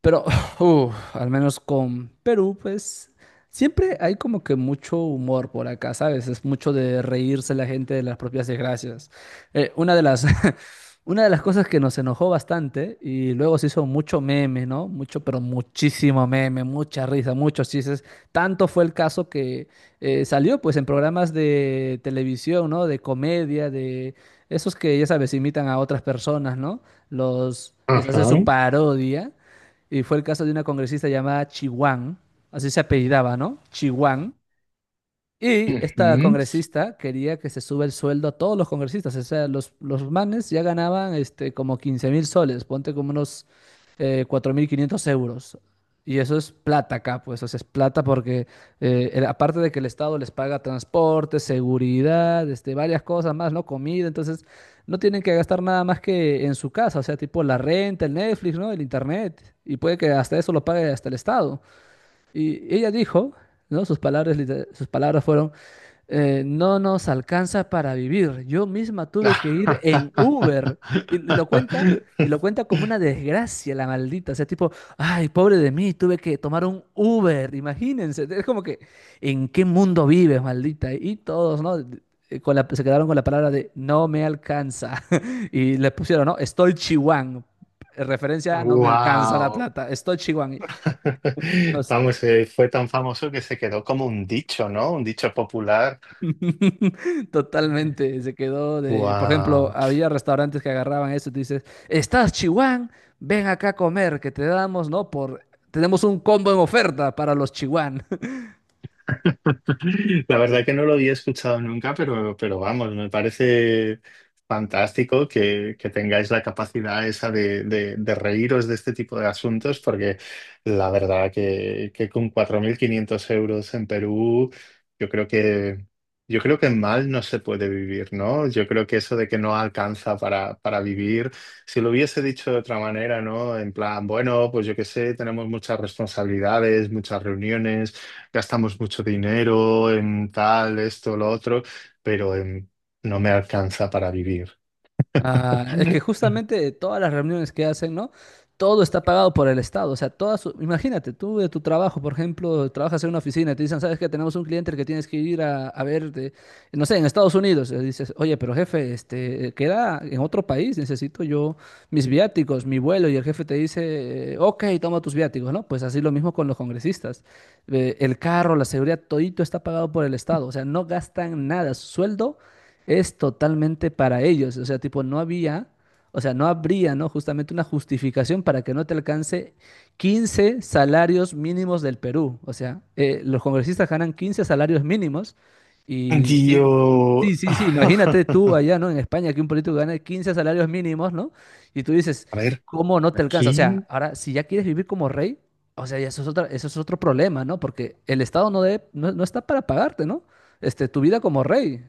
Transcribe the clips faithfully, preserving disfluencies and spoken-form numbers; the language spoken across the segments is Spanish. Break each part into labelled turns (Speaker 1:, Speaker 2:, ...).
Speaker 1: Pero uf, al menos con Perú, pues siempre hay como que mucho humor por acá, ¿sabes? Es mucho de reírse la gente de las propias desgracias. Eh, una de las, una de las cosas que nos enojó bastante y luego se hizo mucho meme, ¿no? Mucho, pero muchísimo meme, mucha risa, muchos chistes. Tanto fue el caso que eh, salió pues en programas de televisión, ¿no? De comedia, de esos que ya sabes, imitan a otras personas, ¿no? Los les
Speaker 2: Ajá.
Speaker 1: hacen su parodia. Y fue el caso de una congresista llamada Chihuán, así se apellidaba, ¿no? Chihuán, y esta
Speaker 2: Ujú.
Speaker 1: congresista quería que se suba el sueldo a todos los congresistas. O sea, los, los manes ya ganaban este, como quince mil soles, ponte como unos eh, cuatro mil quinientos euros. Y eso es plata acá, pues, o sea, es plata porque eh, el- aparte de que el Estado les paga transporte, seguridad, este, varias cosas más, ¿no? Comida, entonces no tienen que gastar nada más que en su casa, o sea, tipo la renta, el Netflix, ¿no? El internet. Y puede que hasta eso lo pague hasta el Estado. Y ella dijo, ¿no? Sus palabras, liter- sus palabras fueron, eh, no nos alcanza para vivir. Yo misma tuve que ir en Uber. Y y lo cuenta, y lo cuenta como una desgracia, la maldita. O sea, tipo, ay, pobre de mí, tuve que tomar un Uber. Imagínense. Es como que, ¿en qué mundo vives, maldita? Y todos, ¿no? Eh, Con la- se quedaron con la palabra de no me alcanza. Y le pusieron, ¿no? Estoy chihuán. Referencia a no me alcanza la
Speaker 2: Wow.
Speaker 1: plata. Estoy chihuán. No sé.
Speaker 2: Vamos, eh, fue tan famoso que se quedó como un dicho, ¿no? Un dicho popular.
Speaker 1: Totalmente, se quedó de, por ejemplo,
Speaker 2: Wow.
Speaker 1: había restaurantes que agarraban eso, te dices, ¿estás Chihuán? Ven acá a comer, que te damos, ¿no? Por, tenemos un combo en oferta para los Chihuán.
Speaker 2: La verdad que no lo había escuchado nunca, pero, pero vamos, me parece fantástico que, que tengáis la capacidad esa de, de- de reíros de este tipo de asuntos, porque la verdad que, que con cuatro mil quinientos euros en Perú, yo creo que, yo creo que mal no se puede vivir, ¿no? Yo creo que eso de que no alcanza para, para vivir, si lo hubiese dicho de otra manera, ¿no? En plan, bueno, pues yo qué sé, tenemos muchas responsabilidades, muchas reuniones gastamos mucho dinero en tal, esto, lo otro, pero em, no me alcanza para vivir.
Speaker 1: Ah, es que justamente todas las reuniones que hacen, ¿no? Todo está pagado por el Estado. O sea, todas, su- imagínate, tú de tu trabajo, por ejemplo, trabajas en una oficina y te dicen, sabes que tenemos un cliente que tienes que ir a, a ver, de- no sé, en Estados Unidos. Y dices, oye, pero jefe, este, queda en otro país, necesito yo mis viáticos, mi vuelo. Y el jefe te dice, eh, ok, toma tus viáticos, ¿no? Pues así lo mismo con los congresistas. Eh, el carro, la seguridad, todito está pagado por el Estado. O sea, no gastan nada. Su sueldo es totalmente para ellos. O sea, tipo, no había, o sea, no habría, ¿no? Justamente una justificación para que no te alcance quince salarios mínimos del Perú. O sea, eh, los congresistas ganan quince salarios mínimos y sin...
Speaker 2: Dio.
Speaker 1: Sí, sí, sí, imagínate tú allá, ¿no? En España que un político gana quince salarios mínimos, ¿no? Y tú dices,
Speaker 2: A ver,
Speaker 1: ¿cómo no te alcanza? O sea,
Speaker 2: aquí.
Speaker 1: ahora, si ya quieres vivir como rey, o sea, ya eso es otra, eso es otro problema, ¿no? Porque el Estado no, debe, no, no está para pagarte, ¿no? Este, tu vida como rey.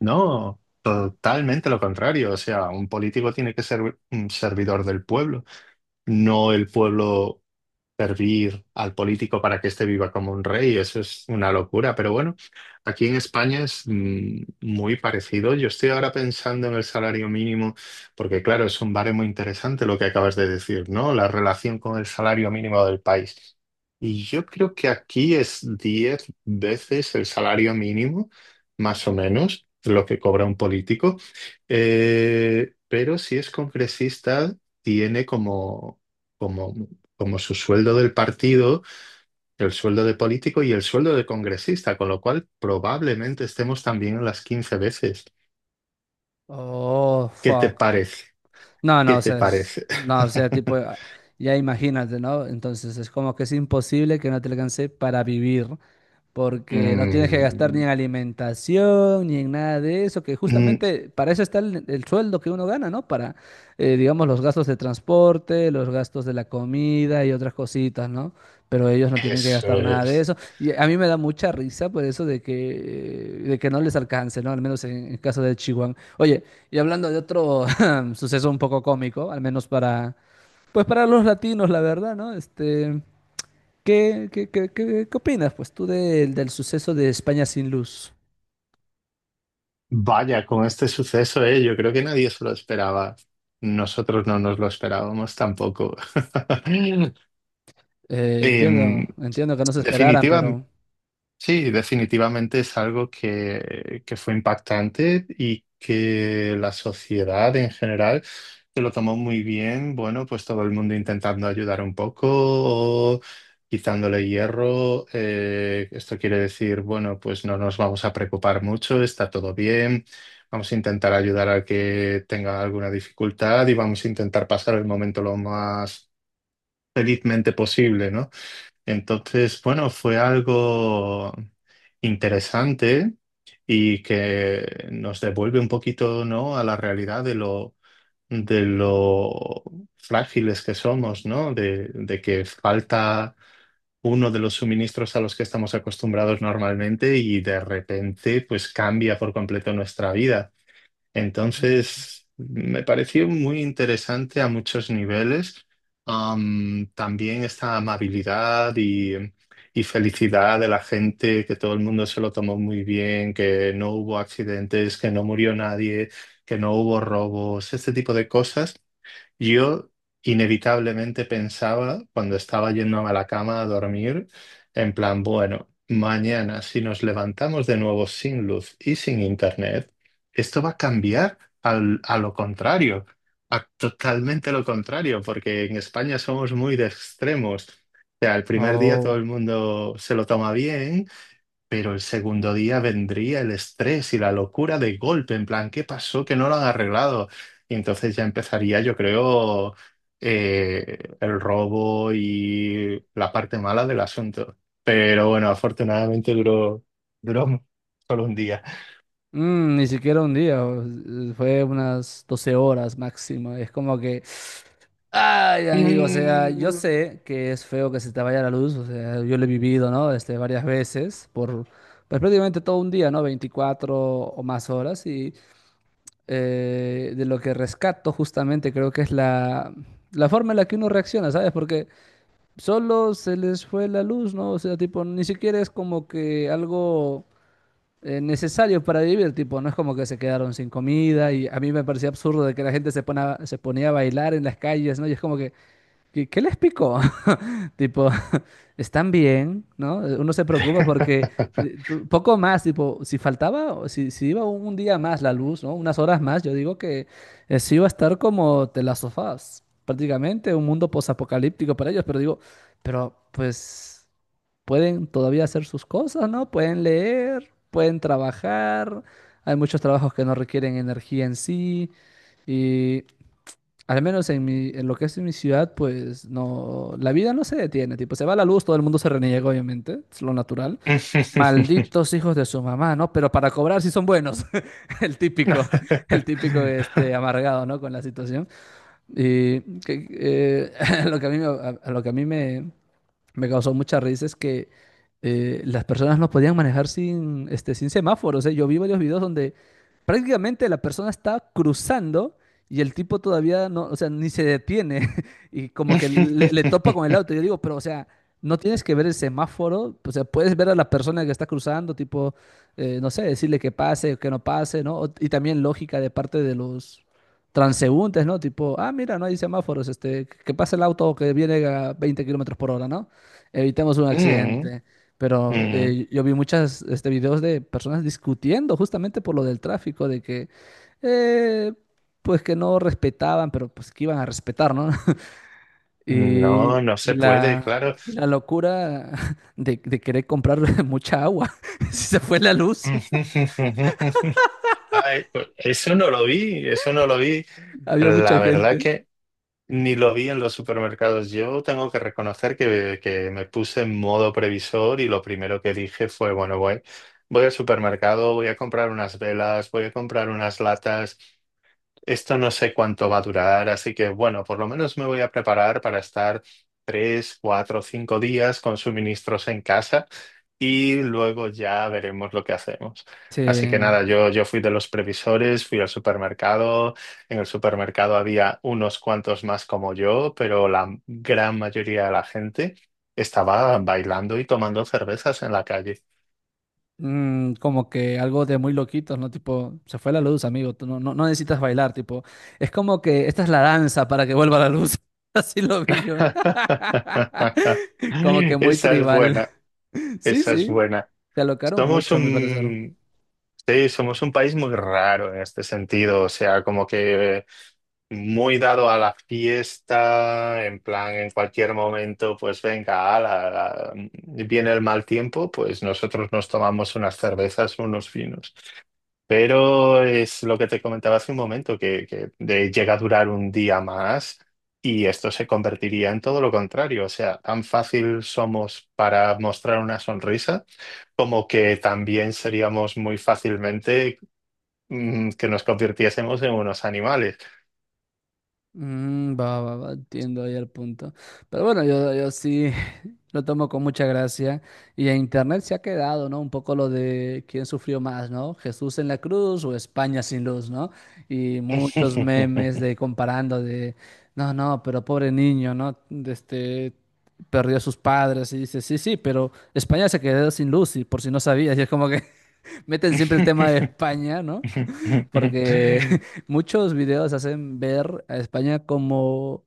Speaker 2: No, totalmente lo contrario. O sea, un político tiene que ser un servidor del pueblo, no el pueblo servir al político para que éste viva como un rey. Eso es una locura. Pero bueno, aquí en España es mm, muy parecido. Yo estoy ahora pensando en el salario mínimo, porque claro, es un baremo interesante lo que acabas de decir, ¿no? La relación con el salario mínimo del país. Y yo creo que aquí es diez veces el salario mínimo más o menos, lo que cobra un político. Eh, pero si es congresista, tiene como, como, como su sueldo del partido, el sueldo de político y el sueldo de congresista, con lo cual probablemente estemos también en las quince veces.
Speaker 1: Oh,
Speaker 2: ¿Qué te
Speaker 1: fuck.
Speaker 2: parece?
Speaker 1: No,
Speaker 2: ¿Qué
Speaker 1: no, o
Speaker 2: te
Speaker 1: sea, es-
Speaker 2: parece?
Speaker 1: no, o sea, tipo, ya imagínate, ¿no? Entonces es como que es imposible que no te alcance para vivir porque no tienes que gastar
Speaker 2: Mm,
Speaker 1: ni en alimentación, ni en nada de eso, que
Speaker 2: mm,
Speaker 1: justamente para eso está el, el sueldo que uno gana, ¿no? Para, eh, digamos, los gastos de transporte, los gastos de la comida y otras cositas, ¿no? Pero ellos no tienen que
Speaker 2: eso
Speaker 1: gastar nada de
Speaker 2: es.
Speaker 1: eso. Y a mí me da mucha risa por eso de que, eh, de que no les alcance, ¿no? Al menos en el caso de Chihuahua. Oye, y hablando de otro suceso un poco cómico, al menos para, pues para los latinos, la verdad, ¿no? Este... ¿Qué, qué, qué, qué- ¿qué opinas, pues, tú del, del suceso de España sin luz?
Speaker 2: Vaya, con este suceso, eh, yo creo que nadie se lo esperaba. Nosotros no nos lo esperábamos tampoco.
Speaker 1: Eh,
Speaker 2: Em,
Speaker 1: entiendo, entiendo que no se esperaran,
Speaker 2: definitiva,
Speaker 1: pero...
Speaker 2: sí, definitivamente es algo que, que fue impactante y que la sociedad en general se lo tomó muy bien. Bueno, pues todo el mundo intentando ayudar un poco o quitándole hierro. Eh, esto quiere decir, bueno, pues no nos vamos a preocupar mucho, está todo bien. Vamos a intentar ayudar al que tenga alguna dificultad y vamos a intentar pasar el momento lo más felizmente posible, ¿no? Entonces, bueno, fue algo interesante y que nos devuelve un poquito, ¿no?, a la realidad de lo, de lo frágiles que somos, ¿no? De, de que falta uno de los suministros a los que estamos acostumbrados normalmente y de repente, pues cambia por completo nuestra vida.
Speaker 1: Mm.
Speaker 2: Entonces, me pareció muy interesante a muchos niveles. Am, también esta amabilidad y, y felicidad de la gente, que todo el mundo se lo tomó muy bien, que no hubo accidentes, que no murió nadie, que no hubo robos, este tipo de cosas yo inevitablemente pensaba cuando estaba yéndome a la cama a dormir, en plan, bueno, mañana si nos levantamos de nuevo sin luz y sin internet, esto va a cambiar al- a lo contrario, a totalmente lo contrario, porque en España somos muy de extremos. O sea, el primer día todo el
Speaker 1: Oh,
Speaker 2: mundo se lo toma bien, pero el segundo día vendría el estrés y la locura de golpe, en plan, ¿qué pasó que no lo han arreglado? Y entonces ya empezaría, yo creo, eh, el robo y la parte mala del asunto. Pero bueno, afortunadamente duró, duró solo un día.
Speaker 1: mm, ni siquiera un día, o- eh, fue unas doce horas máximo. Es como que... Ay, amigo, o sea, yo
Speaker 2: Mm.
Speaker 1: sé que es feo que se te vaya la luz, o sea, yo lo he vivido, ¿no? Este, varias veces, por pues, prácticamente todo un día, ¿no? Veinticuatro o más horas, y eh, de lo que rescato justamente creo que es la, la forma en la que uno reacciona, ¿sabes? Porque solo se les fue la luz, ¿no? O sea, tipo, ni siquiera es como que algo eh, necesario para vivir, tipo, no es como que se quedaron sin comida y a mí me parecía absurdo de que la gente se, pone a- se ponía a bailar en las calles, ¿no? Y es como que, ¿qué, ¿qué les picó? Tipo, están bien, ¿no? Uno se preocupa porque eh, tú- poco más, tipo, si faltaba, o si, si iba un día más la luz, ¿no? Unas horas más, yo digo que eh, sí iba a estar como de las sofás, prácticamente un mundo posapocalíptico para ellos, pero digo, pero pues pueden todavía hacer sus cosas, ¿no? Pueden leer, pueden trabajar, hay muchos trabajos que no requieren energía en sí, y al menos en mi, en lo que es en mi ciudad, pues no, la vida no se detiene, tipo, se va la luz, todo el mundo se reniega, obviamente, es lo natural. Malditos hijos de su mamá, ¿no? Pero para cobrar sí son buenos, el típico, el típico este, amargado, ¿no? Con la situación. Y que- eh, lo que a mí, me- a- a lo que a mí me, me causó mucha risa es que eh, las personas no podían manejar sin, este, sin semáforos. ¿Eh? Yo vi varios videos donde prácticamente la persona está cruzando y el tipo todavía no, o sea, ni se detiene y como que le, le topa con el auto. Yo digo, pero o sea, no tienes que ver el semáforo, o sea, puedes ver a la persona que está cruzando, tipo, eh, no sé, decirle que pase o que no pase, ¿no? O- y también lógica de parte de los transeúntes, ¿no? Tipo, ah, mira, no hay semáforos, este, que que pase el auto que viene a veinte kilómetros por hora, ¿no? Evitemos un
Speaker 2: Mm,
Speaker 1: accidente. Pero
Speaker 2: mm.
Speaker 1: eh, yo vi muchas este, videos de personas discutiendo justamente por lo del tráfico, de que eh, pues que no respetaban, pero pues que iban a respetar, ¿no? Y,
Speaker 2: No, no
Speaker 1: y
Speaker 2: se puede,
Speaker 1: la,
Speaker 2: claro.
Speaker 1: y la locura de, de querer comprar mucha agua. Si se fue la luz,
Speaker 2: Ay, pues, eso no lo vi, eso no lo vi.
Speaker 1: había mucha
Speaker 2: La verdad
Speaker 1: gente.
Speaker 2: que ni lo vi en los supermercados. Yo tengo que reconocer que, que me puse en modo previsor y lo primero que dije fue, bueno, voy, voy al supermercado, voy a comprar unas velas, voy a comprar unas latas, esto no sé cuánto va a durar, así que bueno, por lo menos me voy a preparar para estar tres, cuatro, cinco días con suministros en casa y luego ya veremos lo que hacemos.
Speaker 1: Sí.
Speaker 2: Así que nada, yo, yo fui de los previsores, fui al supermercado. En el supermercado había unos cuantos más como yo, pero la gran mayoría de la gente estaba bailando y tomando cervezas en la calle.
Speaker 1: Mm, como que algo de muy loquitos, ¿no? Tipo, se fue la luz, amigo, tú no, no, no necesitas bailar, tipo, es como que esta es la danza para que vuelva la luz. Así lo vi yo. Como que muy
Speaker 2: Esa es
Speaker 1: tribal.
Speaker 2: buena,
Speaker 1: Sí,
Speaker 2: esa es
Speaker 1: sí,
Speaker 2: buena.
Speaker 1: se alocaron
Speaker 2: Somos
Speaker 1: mucho, a mi parecer.
Speaker 2: un, sí, somos un país muy raro en este sentido, o sea, como que muy dado a la fiesta, en plan, en cualquier momento, pues venga, ala, la- viene el mal tiempo, pues nosotros nos tomamos unas cervezas, unos vinos. Pero es lo que te comentaba hace un momento, que, que de- llega a durar un día más y esto se convertiría en todo lo contrario, o sea, tan fácil somos para mostrar una sonrisa como que también seríamos muy fácilmente mm, que nos convirtiésemos en unos animales.
Speaker 1: Mm, va, va, va, entiendo ahí el punto. Pero bueno, yo, yo sí lo tomo con mucha gracia. Y en internet se ha quedado, ¿no? Un poco lo de quién sufrió más, ¿no? ¿Jesús en la cruz o España sin luz, ¿no? Y muchos memes de comparando de, no, no, pero pobre niño, ¿no? De Este, perdió a sus padres y dice, sí, sí, pero España se quedó sin luz y por si no sabías. Y es como que meten siempre el tema de España, ¿no? Porque muchos videos hacen ver a España como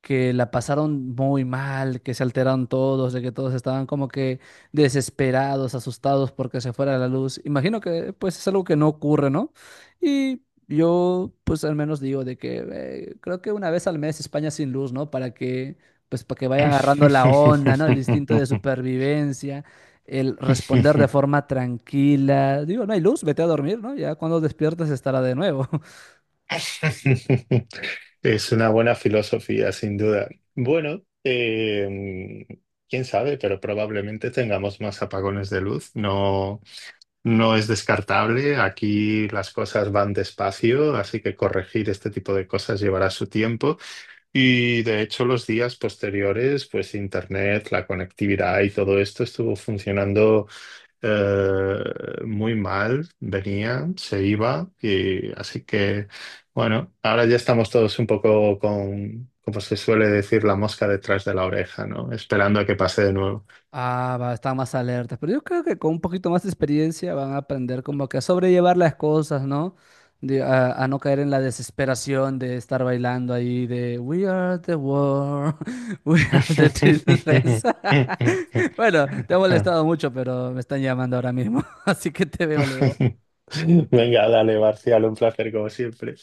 Speaker 1: que la pasaron muy mal, que se alteraron todos, de que todos estaban como que desesperados, asustados porque se fuera la luz. Imagino que pues es algo que no ocurre, ¿no? Y yo pues al menos digo de que eh, creo que una vez al mes España sin luz, ¿no? Para que pues para que vayan agarrando la onda, ¿no? El instinto de supervivencia, el responder de forma tranquila. Digo, no hay luz, vete a dormir, ¿no? Ya cuando despiertes estará de nuevo.
Speaker 2: Es una buena filosofía, sin duda. Bueno, eh, quién sabe, pero probablemente tengamos más apagones de luz. No, no es descartable. Aquí las cosas van despacio, así que corregir este tipo de cosas llevará su tiempo. Y de hecho los días posteriores, pues internet, la conectividad y todo esto estuvo funcionando eh, muy mal, venía, se iba, y así que bueno, ahora ya estamos todos un poco con, como se suele decir, la mosca detrás de la oreja, ¿no? Esperando a que pase de nuevo.
Speaker 1: Ah, va, están más alertas, pero yo creo que con un poquito más de experiencia van a aprender como que a sobrellevar las cosas, ¿no? De- a, a no caer en la desesperación de estar bailando ahí de We are the world, we are the children. Bueno, te ha molestado mucho, pero me están llamando ahora mismo, así que te veo luego.
Speaker 2: Venga, dale, Marcial, un placer como siempre.